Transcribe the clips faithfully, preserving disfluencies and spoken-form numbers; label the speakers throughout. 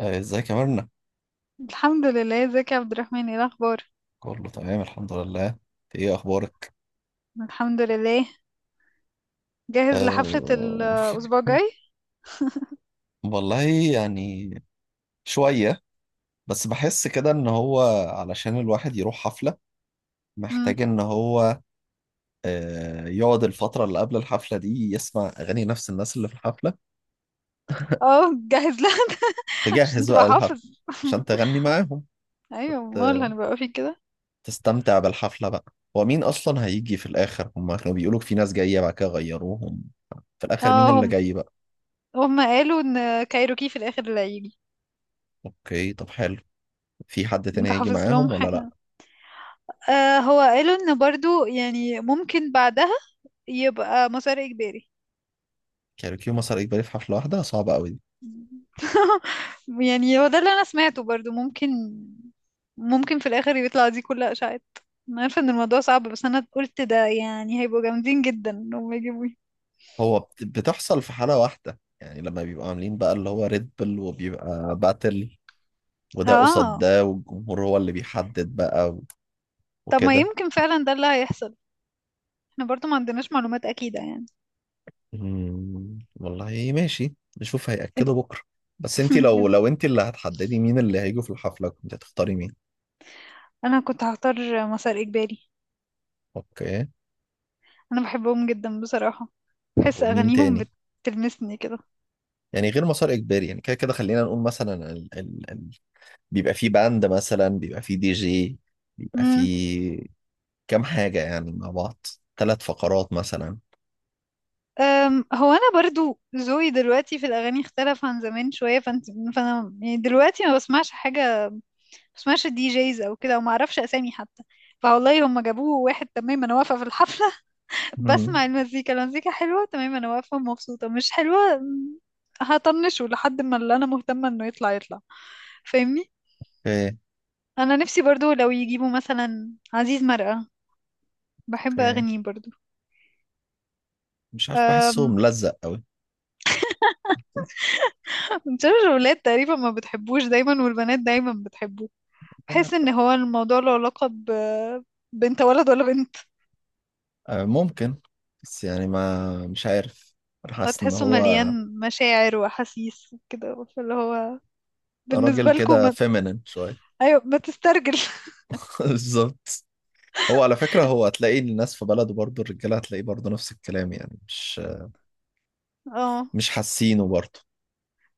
Speaker 1: آه، ازيك يا مرنة؟
Speaker 2: الحمد لله. ازيك يا عبد الرحمن؟ ايه الاخبار؟
Speaker 1: كله تمام، الحمد لله. انت ايه اخبارك؟
Speaker 2: الحمد لله. جاهز لحفلة
Speaker 1: أه...
Speaker 2: الاسبوع الجاي.
Speaker 1: والله، يعني شوية، بس بحس كده ان هو علشان الواحد يروح حفلة
Speaker 2: امم
Speaker 1: محتاج ان هو أه... يقعد الفترة اللي قبل الحفلة دي يسمع اغاني نفس الناس اللي في الحفلة.
Speaker 2: اه جاهز لها. عشان
Speaker 1: تجهز
Speaker 2: تبقى
Speaker 1: بقى الحفلة
Speaker 2: حافظ.
Speaker 1: عشان تغني معاهم،
Speaker 2: ايوه،
Speaker 1: ت...
Speaker 2: امال هنبقى في كده.
Speaker 1: تستمتع بالحفلة بقى. ومين اصلا هيجي في الاخر؟ هما كانوا بيقولوا في ناس جاية بعد كده غيروهم، في الاخر مين
Speaker 2: اه.
Speaker 1: اللي
Speaker 2: هم
Speaker 1: جاي بقى؟
Speaker 2: هم قالوا ان كايروكي في الاخر اللي هيجي.
Speaker 1: اوكي، طب حلو. في حد تاني
Speaker 2: انت
Speaker 1: هيجي
Speaker 2: حافظ لهم
Speaker 1: معاهم ولا لا؟
Speaker 2: حاجة؟ آه، هو قالوا ان برضو يعني ممكن بعدها يبقى مسار اجباري.
Speaker 1: كاريوكي ومسار اجباري في حفله واحده صعبه قوي دي.
Speaker 2: يعني هو ده اللي انا سمعته، برضو ممكن، ممكن في الاخر يطلع دي كل اشاعات. انا عارفه ان الموضوع صعب، بس انا قلت ده يعني هيبقوا جامدين جدا انهم يجيبوا.
Speaker 1: هو بت- بتحصل في حاله واحده، يعني لما بيبقوا عاملين بقى اللي هو ريد بل وبيبقى باتل، وده قصاد
Speaker 2: اه،
Speaker 1: ده، والجمهور هو اللي بيحدد بقى و-
Speaker 2: طب ما
Speaker 1: وكده.
Speaker 2: يمكن فعلا ده اللي هيحصل. احنا برضو ما عندناش معلومات اكيده يعني.
Speaker 1: مم، والله ماشي. نشوف هيأكدوا بكره. بس انت لو لو انت اللي هتحددي مين اللي هيجوا في الحفله كنت هتختاري مين؟
Speaker 2: انا كنت هختار مسار اجباري.
Speaker 1: اوكي،
Speaker 2: انا بحبهم جدا بصراحه.
Speaker 1: طب
Speaker 2: بحس
Speaker 1: ومين
Speaker 2: اغانيهم
Speaker 1: تاني؟
Speaker 2: بتلمسني
Speaker 1: يعني غير مسار اجباري، يعني كده كده خلينا نقول مثلا بيبقى فيه باند، مثلا بيبقى فيه دي جي، بيبقى
Speaker 2: كده.
Speaker 1: فيه كام حاجة يعني مع بعض، ثلاث فقرات مثلا.
Speaker 2: أم، هو انا برضو ذوقي دلوقتي في الاغاني اختلف عن زمان شويه، فانت فانا يعني دلوقتي ما بسمعش حاجه، ما بسمعش الدي جيز او كده، وما اعرفش اسامي حتى. فوالله هم جابوه واحد تمام، انا واقفه في الحفله
Speaker 1: مم.
Speaker 2: بسمع المزيكا، المزيكا حلوه تمام، انا واقفه مبسوطه. مش حلوه م، هطنشه لحد ما اللي انا مهتمه انه يطلع يطلع. فاهمني؟
Speaker 1: اوكي،
Speaker 2: انا نفسي برضو لو يجيبوا مثلا عزيز مرقه، بحب
Speaker 1: اوكي.
Speaker 2: اغنيه برضو.
Speaker 1: مش عارف، بحسه
Speaker 2: أم،
Speaker 1: ملزق قوي.
Speaker 2: مش عارفة، الولاد تقريبا ما بتحبوش دايما، والبنات دايما بتحبه.
Speaker 1: آه،
Speaker 2: بحس ان هو الموضوع له علاقة ب- بنت، ولد ولا بنت.
Speaker 1: ممكن، بس يعني ما مش عارف، انا حاسس ان
Speaker 2: هتحسه
Speaker 1: هو
Speaker 2: مليان مشاعر واحاسيس وكده، فاللي هو
Speaker 1: راجل
Speaker 2: بالنسبة لكم
Speaker 1: كده
Speaker 2: ما...
Speaker 1: فيمينين شوية.
Speaker 2: ايوه، ما تسترجل.
Speaker 1: بالظبط. هو على فكرة هو هتلاقي الناس في بلده برضه الرجالة هتلاقيه برضه نفس الكلام، يعني مش
Speaker 2: اه،
Speaker 1: مش حاسينه برضه.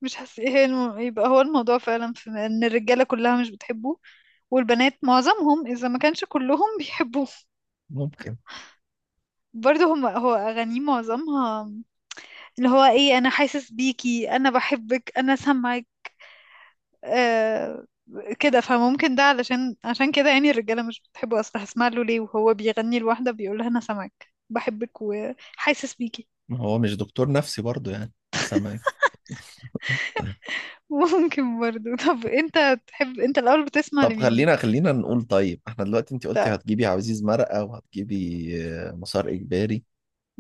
Speaker 2: مش حاسس ايه الم... يبقى هو الموضوع فعلا في ان الرجالة كلها مش بتحبه، والبنات معظمهم اذا ما كانش كلهم بيحبوه.
Speaker 1: ممكن.
Speaker 2: برضه هم هو اغانيه معظمها اللي هو ايه؟ انا حاسس بيكي، انا بحبك، انا سامعك. آه، كده فممكن ده علشان عشان كده يعني الرجالة مش بتحبه أصلا. هسمع له ليه وهو بيغني لواحدة بيقول لها أنا سامعك، بحبك، وحاسس بيكي.
Speaker 1: ما هو مش دكتور نفسي برضه يعني، سامع.
Speaker 2: ممكن برضو. طب أنت تحب، أنت الأول بتسمع
Speaker 1: طب
Speaker 2: لمين؟
Speaker 1: خلينا خلينا نقول، طيب احنا دلوقتي انت قلتي
Speaker 2: طيب.
Speaker 1: هتجيبي عزيز مرقة وهتجيبي آه، مسار اجباري.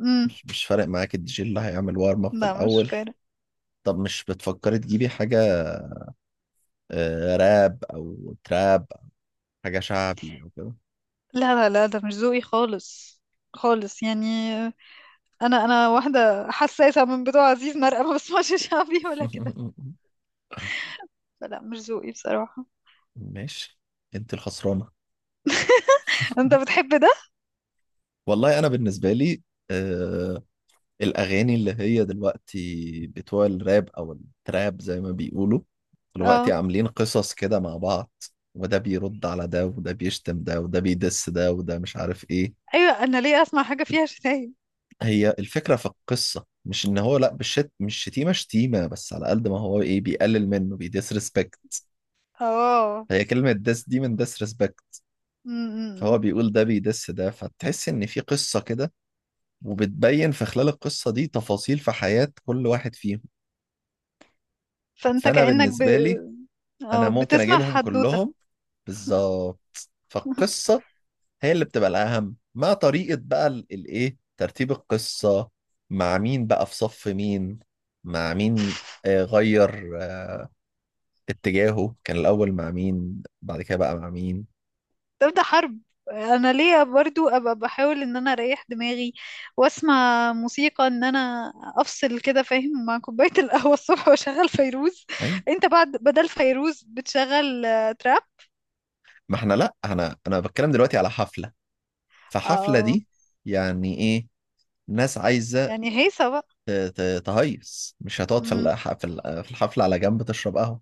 Speaker 2: امم
Speaker 1: مش مش فارق معاك الدي جي اللي هيعمل وارم اب في
Speaker 2: لا، مش
Speaker 1: الاول.
Speaker 2: فارق.
Speaker 1: طب مش بتفكري تجيبي حاجة آه، راب او تراب أو حاجة شعبي او كده؟
Speaker 2: لا لا لا، ده مش ذوقي خالص، خالص يعني. أنا أنا واحدة حساسة، من بتوع عزيز مرقة. ما بسمعش شعبي ولا كده. فلا، مش ذوقي بصراحة.
Speaker 1: ماشي. انت الخسرانة.
Speaker 2: أنت بتحب ده؟
Speaker 1: والله انا بالنسبة لي آه، الأغاني اللي هي دلوقتي بتوع الراب أو التراب زي ما بيقولوا دلوقتي
Speaker 2: اه.
Speaker 1: عاملين قصص كده مع بعض. وده بيرد على ده، وده بيشتم ده، وده بيدس ده، وده مش عارف إيه.
Speaker 2: أيوة، أنا ليه أسمع حاجة فيها شتايم؟
Speaker 1: هي الفكرة في القصة مش إن هو لأ، بالشت، مش شتيمة شتيمة، بس على قد ما هو إيه، بيقلل منه. ريسبكت،
Speaker 2: اه.
Speaker 1: هي كلمة دس دي من ريسبكت.
Speaker 2: امم
Speaker 1: فهو بيقول ده بيدس ده، فتحس إن في قصة كده، وبتبين في خلال القصة دي تفاصيل في حياة كل واحد فيهم.
Speaker 2: فانت
Speaker 1: فأنا
Speaker 2: كأنك ب...
Speaker 1: بالنسبة لي انا
Speaker 2: أو
Speaker 1: ممكن
Speaker 2: بتسمع
Speaker 1: اجيبهم
Speaker 2: حدوتة،
Speaker 1: كلهم. بالظبط. فالقصه هي اللي بتبقى الاهم، مع طريقه بقى ال- الايه ترتيب القصه، مع مين بقى في صف مين، مع مين، آه، غير آه، اتجاهه كان الاول مع مين بعد كده بقى مع مين.
Speaker 2: تبدأ حرب. انا ليه برضو ابقى بحاول ان انا اريح دماغي واسمع موسيقى، ان انا افصل كده فاهم، مع كوباية القهوة الصبح واشغل فيروز.
Speaker 1: اي.
Speaker 2: انت بعد بدل فيروز بتشغل آه، تراب.
Speaker 1: ما احنا لا، انا انا بتكلم دلوقتي على حفله، فحفله
Speaker 2: اه،
Speaker 1: دي يعني ايه، ناس عايزه
Speaker 2: يعني هيصة بقى.
Speaker 1: ت- ت- تهيص، مش هتقعد في
Speaker 2: امم
Speaker 1: الح- في ال- في الحفله على جنب تشرب قهوه.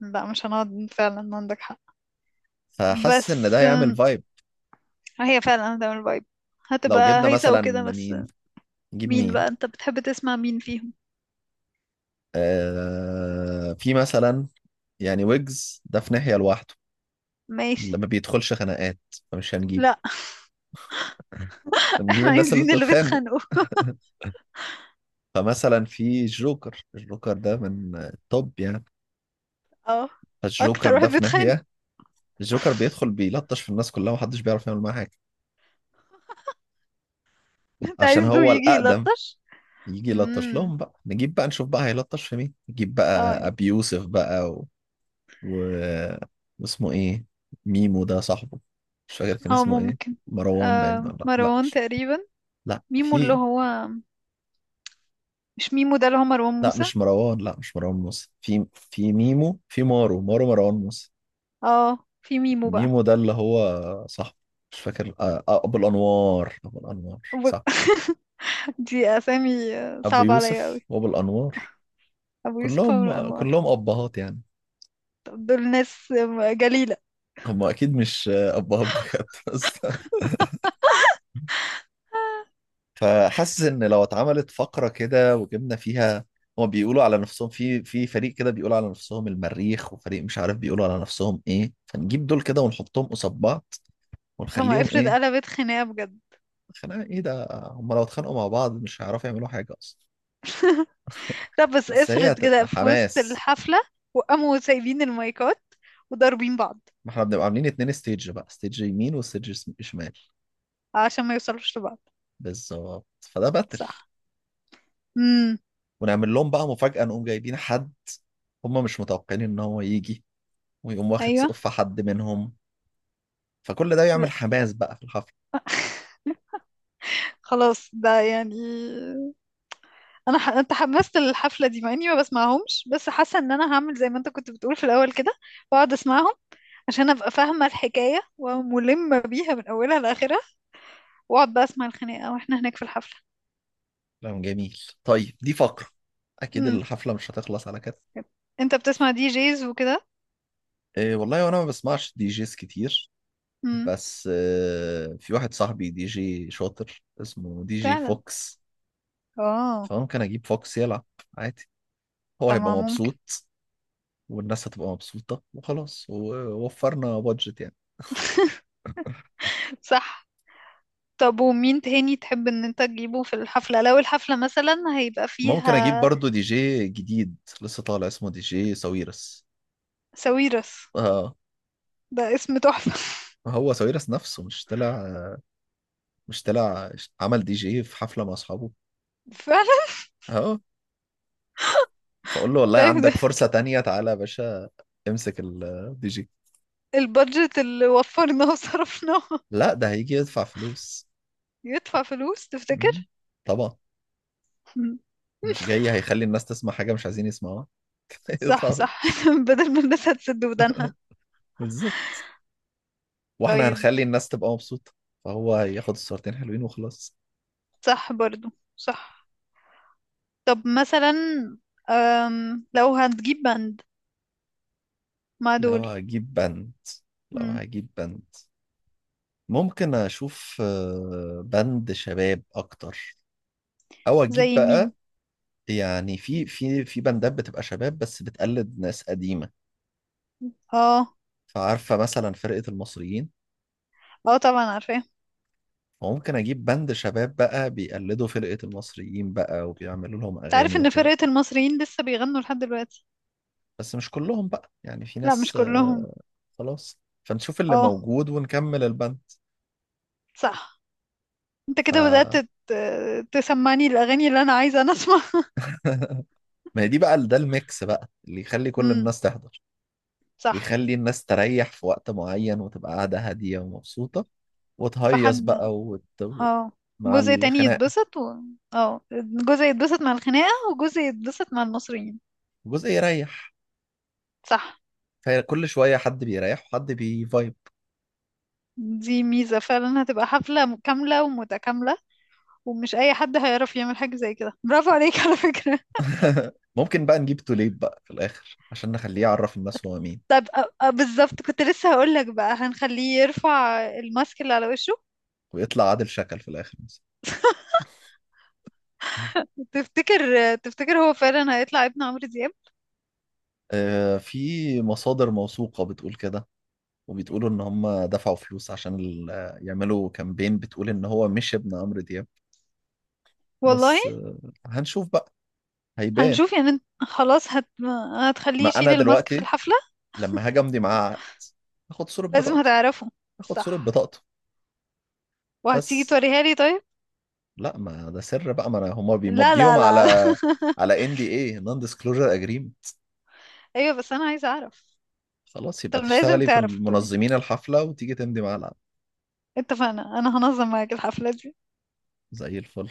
Speaker 2: لا، مش هنقعد فعلا، عندك حق.
Speaker 1: فحاسس
Speaker 2: بس
Speaker 1: ان ده
Speaker 2: آم،
Speaker 1: هيعمل فايب.
Speaker 2: هي فعلا هتعمل فايب،
Speaker 1: لو
Speaker 2: هتبقى
Speaker 1: جبنا
Speaker 2: هيصة
Speaker 1: مثلا
Speaker 2: وكده بس.
Speaker 1: مين، نجيب
Speaker 2: مين
Speaker 1: مين.
Speaker 2: بقى، انت بتحب تسمع مين فيهم؟
Speaker 1: آه، في مثلا يعني ويجز ده في ناحية لوحده،
Speaker 2: ماشي.
Speaker 1: لما بيدخلش خناقات، فمش هنجيبه.
Speaker 2: لا.
Speaker 1: هنجيب
Speaker 2: احنا
Speaker 1: الناس اللي
Speaker 2: عايزين اللي
Speaker 1: بتتخانق.
Speaker 2: بيتخانقوا.
Speaker 1: فمثلا في الجوكر، الجوكر ده من التوب يعني.
Speaker 2: اه،
Speaker 1: فالجوكر
Speaker 2: اكتر
Speaker 1: ده
Speaker 2: واحد
Speaker 1: في
Speaker 2: بيتخانق.
Speaker 1: ناحية. الجوكر بيدخل بيلطش في الناس كلها ومحدش بيعرف يعمل معاه حاجة،
Speaker 2: انت
Speaker 1: عشان
Speaker 2: عايزه
Speaker 1: هو
Speaker 2: يجي
Speaker 1: الأقدم.
Speaker 2: يلطش.
Speaker 1: يجي يلطش
Speaker 2: امم
Speaker 1: لهم بقى، نجيب بقى، نشوف بقى هيلطش في مين، نجيب بقى
Speaker 2: اه
Speaker 1: أبي يوسف بقى و... واسمه ايه، ميمو ده صاحبه، مش فاكر كان
Speaker 2: اه،
Speaker 1: اسمه ايه.
Speaker 2: ممكن.
Speaker 1: مروان باين
Speaker 2: آه،
Speaker 1: ولا لا،
Speaker 2: مروان
Speaker 1: مش
Speaker 2: تقريبا.
Speaker 1: لا،
Speaker 2: ميمو اللي
Speaker 1: في
Speaker 2: هو، مش ميمو ده اللي هو مروان
Speaker 1: لا،
Speaker 2: موسى.
Speaker 1: مش مروان، لا مش مروان موسى، في في ميمو، في مارو مارو مروان موسى.
Speaker 2: اه، في ميمو بقى.
Speaker 1: ميمو ده اللي هو صاحبه، مش فاكر آه، آه، ابو الانوار، ابو الانوار،
Speaker 2: أبو...
Speaker 1: صح.
Speaker 2: دي اسامي آه،
Speaker 1: ابو
Speaker 2: صعبة عليا قوي.
Speaker 1: يوسف وابو الانوار،
Speaker 2: ابو يوسف، عمرو
Speaker 1: كلهم
Speaker 2: انور.
Speaker 1: كلهم ابهات يعني.
Speaker 2: طب دول ناس آه، جليلة.
Speaker 1: هم اكيد مش آه، ابهات بجد بس. فحاسس ان لو اتعملت فقره كده وجبنا فيها، هما بيقولوا على نفسهم في في فريق كده، بيقولوا على نفسهم المريخ، وفريق مش عارف بيقولوا على نفسهم ايه، فنجيب دول كده ونحطهم قصاد بعض
Speaker 2: طب ما
Speaker 1: ونخليهم
Speaker 2: افرض
Speaker 1: ايه.
Speaker 2: قلبت خناقة بجد؟
Speaker 1: خناقه ايه؟ ده هما لو اتخانقوا مع بعض مش هيعرفوا يعملوا حاجه اصلا.
Speaker 2: طب بس
Speaker 1: بس هي
Speaker 2: افرض كده
Speaker 1: هتبقى
Speaker 2: في وسط
Speaker 1: حماس.
Speaker 2: الحفلة، وقاموا سايبين المايكات وضاربين بعض.
Speaker 1: ما احنا بنبقى عاملين اتنين ستيج بقى، ستيج يمين وستيج س- شمال.
Speaker 2: عشان ما يوصلوش لبعض.
Speaker 1: بالظبط، فده باتل.
Speaker 2: صح. امم
Speaker 1: ونعمل لهم بقى مفاجأة، نقوم جايبين حد هما مش متوقعين ان هو يجي، ويقوم واخد
Speaker 2: ايوه.
Speaker 1: سقف حد منهم. فكل ده يعمل
Speaker 2: لا،
Speaker 1: حماس بقى في الحفلة.
Speaker 2: خلاص، ده يعني انا ح... انت حمست الحفله دي، مع اني ما بسمعهمش، بس حاسه ان انا هعمل زي ما انت كنت بتقول في الاول كده. واقعد اسمعهم عشان ابقى فاهمه الحكايه وملمه بيها من اولها لاخرها، واقعد بقى اسمع الخناقه واحنا هناك في الحفله.
Speaker 1: كلام جميل، طيب، دي فقرة. أكيد
Speaker 2: امم
Speaker 1: الحفلة مش هتخلص على كده.
Speaker 2: انت بتسمع دي جيز وكده.
Speaker 1: إيه والله، وأنا ما بسمعش دي جيز كتير،
Speaker 2: امم
Speaker 1: بس آه، في واحد صاحبي دي جي شاطر اسمه دي جي
Speaker 2: فعلا.
Speaker 1: فوكس.
Speaker 2: اه.
Speaker 1: فممكن أجيب فوكس يلعب عادي، هو
Speaker 2: طب
Speaker 1: هيبقى
Speaker 2: ما ممكن.
Speaker 1: مبسوط، والناس هتبقى مبسوطة، وخلاص ووفرنا بادجت يعني.
Speaker 2: صح. طب ومين تاني تحب ان انت تجيبه في الحفله لو الحفله مثلا هيبقى
Speaker 1: ممكن أجيب
Speaker 2: فيها؟
Speaker 1: برضو دي جي جديد لسه طالع اسمه دي جي ساويرس.
Speaker 2: ساويرس،
Speaker 1: آه.
Speaker 2: ده اسم تحفه.
Speaker 1: هو ساويرس نفسه مش طلع مش طلع، عمل دي جي في حفلة مع أصحابه.
Speaker 2: فعلا.
Speaker 1: اهو، فاقول له والله
Speaker 2: طيب، ده
Speaker 1: عندك فرصة تانية، تعالى يا باشا، امسك الدي جي.
Speaker 2: البادجت اللي وفرناه وصرفناه.
Speaker 1: لا ده هيجي يدفع فلوس.
Speaker 2: يدفع فلوس؟
Speaker 1: مم.
Speaker 2: تفتكر؟
Speaker 1: طبعا، مش جاي هيخلي الناس تسمع حاجة مش عايزين يسمعوها.
Speaker 2: صح،
Speaker 1: يدفع فلوس.
Speaker 2: صح. بدل ما الناس هتسد ودانها.
Speaker 1: بالظبط. واحنا
Speaker 2: طيب.
Speaker 1: هنخلي الناس تبقى مبسوطة، فهو هياخد الصورتين حلوين وخلاص.
Speaker 2: صح برضو. صح. طب مثلا، أم، لو هتجيب باند مع
Speaker 1: لو
Speaker 2: دول.
Speaker 1: هجيب بند لو
Speaker 2: مم،
Speaker 1: هجيب بند ممكن اشوف آه، بند شباب اكتر، او اجيب
Speaker 2: زي مين؟
Speaker 1: بقى، يعني في في في بندات بتبقى شباب بس بتقلد ناس قديمة.
Speaker 2: اه.
Speaker 1: فعارفة مثلا فرقة المصريين،
Speaker 2: اه، طبعا عارفاه.
Speaker 1: وممكن أجيب بند شباب بقى بيقلدوا فرقة المصريين بقى وبيعملوا لهم
Speaker 2: تعرف
Speaker 1: أغاني
Speaker 2: ان
Speaker 1: وكده،
Speaker 2: فرقة المصريين لسه بيغنوا لحد دلوقتي؟
Speaker 1: بس مش كلهم بقى يعني، في
Speaker 2: لا مش
Speaker 1: ناس
Speaker 2: كلهم.
Speaker 1: آه، خلاص، فنشوف اللي
Speaker 2: اه.
Speaker 1: موجود ونكمل البند.
Speaker 2: صح. انت
Speaker 1: ف
Speaker 2: كده بدأت ت- تسمعني الاغاني اللي انا عايزة انا اسمعها.
Speaker 1: ما هي دي بقى، ده الميكس بقى اللي يخلي كل
Speaker 2: امم
Speaker 1: الناس تحضر،
Speaker 2: صح.
Speaker 1: ويخلي الناس تريح في وقت معين وتبقى قاعدة هادية ومبسوطة،
Speaker 2: فحد.
Speaker 1: وتهيص بقى وت...
Speaker 2: اه،
Speaker 1: مع
Speaker 2: جزء تاني
Speaker 1: الخناقة،
Speaker 2: يتبسط و... اه، جزء يتبسط مع الخناقة، وجزء يتبسط مع المصريين.
Speaker 1: جزء يريح.
Speaker 2: صح.
Speaker 1: فكل شوية حد بيريح وحد بيفايب.
Speaker 2: دي ميزة، فعلا هتبقى حفلة م- كاملة ومتكاملة. ومش أي حد هيعرف يعمل حاجة زي كده، برافو عليك على فكرة.
Speaker 1: ممكن بقى نجيب توليب بقى في الآخر عشان نخليه يعرف الناس هو مين،
Speaker 2: أ- أ- بالظبط، كنت لسه هقولك بقى هنخليه يرفع الماسك اللي على وشه.
Speaker 1: ويطلع عادل شكل في الآخر مثلا.
Speaker 2: تفتكر تفتكر هو فعلا هيطلع ابن عمرو دياب؟
Speaker 1: آه، في مصادر موثوقة بتقول كده، وبتقولوا إن هم دفعوا فلوس عشان ال- آه، يعملوا كامبين بتقول إن هو مش ابن عمرو دياب.
Speaker 2: والله.
Speaker 1: بس آه، هنشوف بقى، هيبان.
Speaker 2: هنشوف يعني. انت- خلاص هت...
Speaker 1: ما
Speaker 2: هتخليه يشيل
Speaker 1: أنا
Speaker 2: الماسك في
Speaker 1: دلوقتي
Speaker 2: الحفلة؟
Speaker 1: لما هاجي أمضي معاه عقد آخد صورة
Speaker 2: لازم
Speaker 1: بطاقته،
Speaker 2: هتعرفه.
Speaker 1: آخد صورة
Speaker 2: صح.
Speaker 1: بطاقته
Speaker 2: وهتيجي
Speaker 1: بس.
Speaker 2: توريها لي طيب؟
Speaker 1: لا ما ده سر بقى، ما أنا هم
Speaker 2: لا
Speaker 1: بيمضيهم
Speaker 2: لا لا لا،
Speaker 1: على على ان دي اي نون ديسكلوجر اجريمنت.
Speaker 2: ايوه، بس انا عايزه اعرف.
Speaker 1: خلاص يبقى
Speaker 2: طب لازم
Speaker 1: تشتغلي في
Speaker 2: تعرف تقولي،
Speaker 1: منظمين الحفلة وتيجي تمضي مع العقد.
Speaker 2: اتفقنا انا هنظم معاك الحفله دي.
Speaker 1: زي الفل.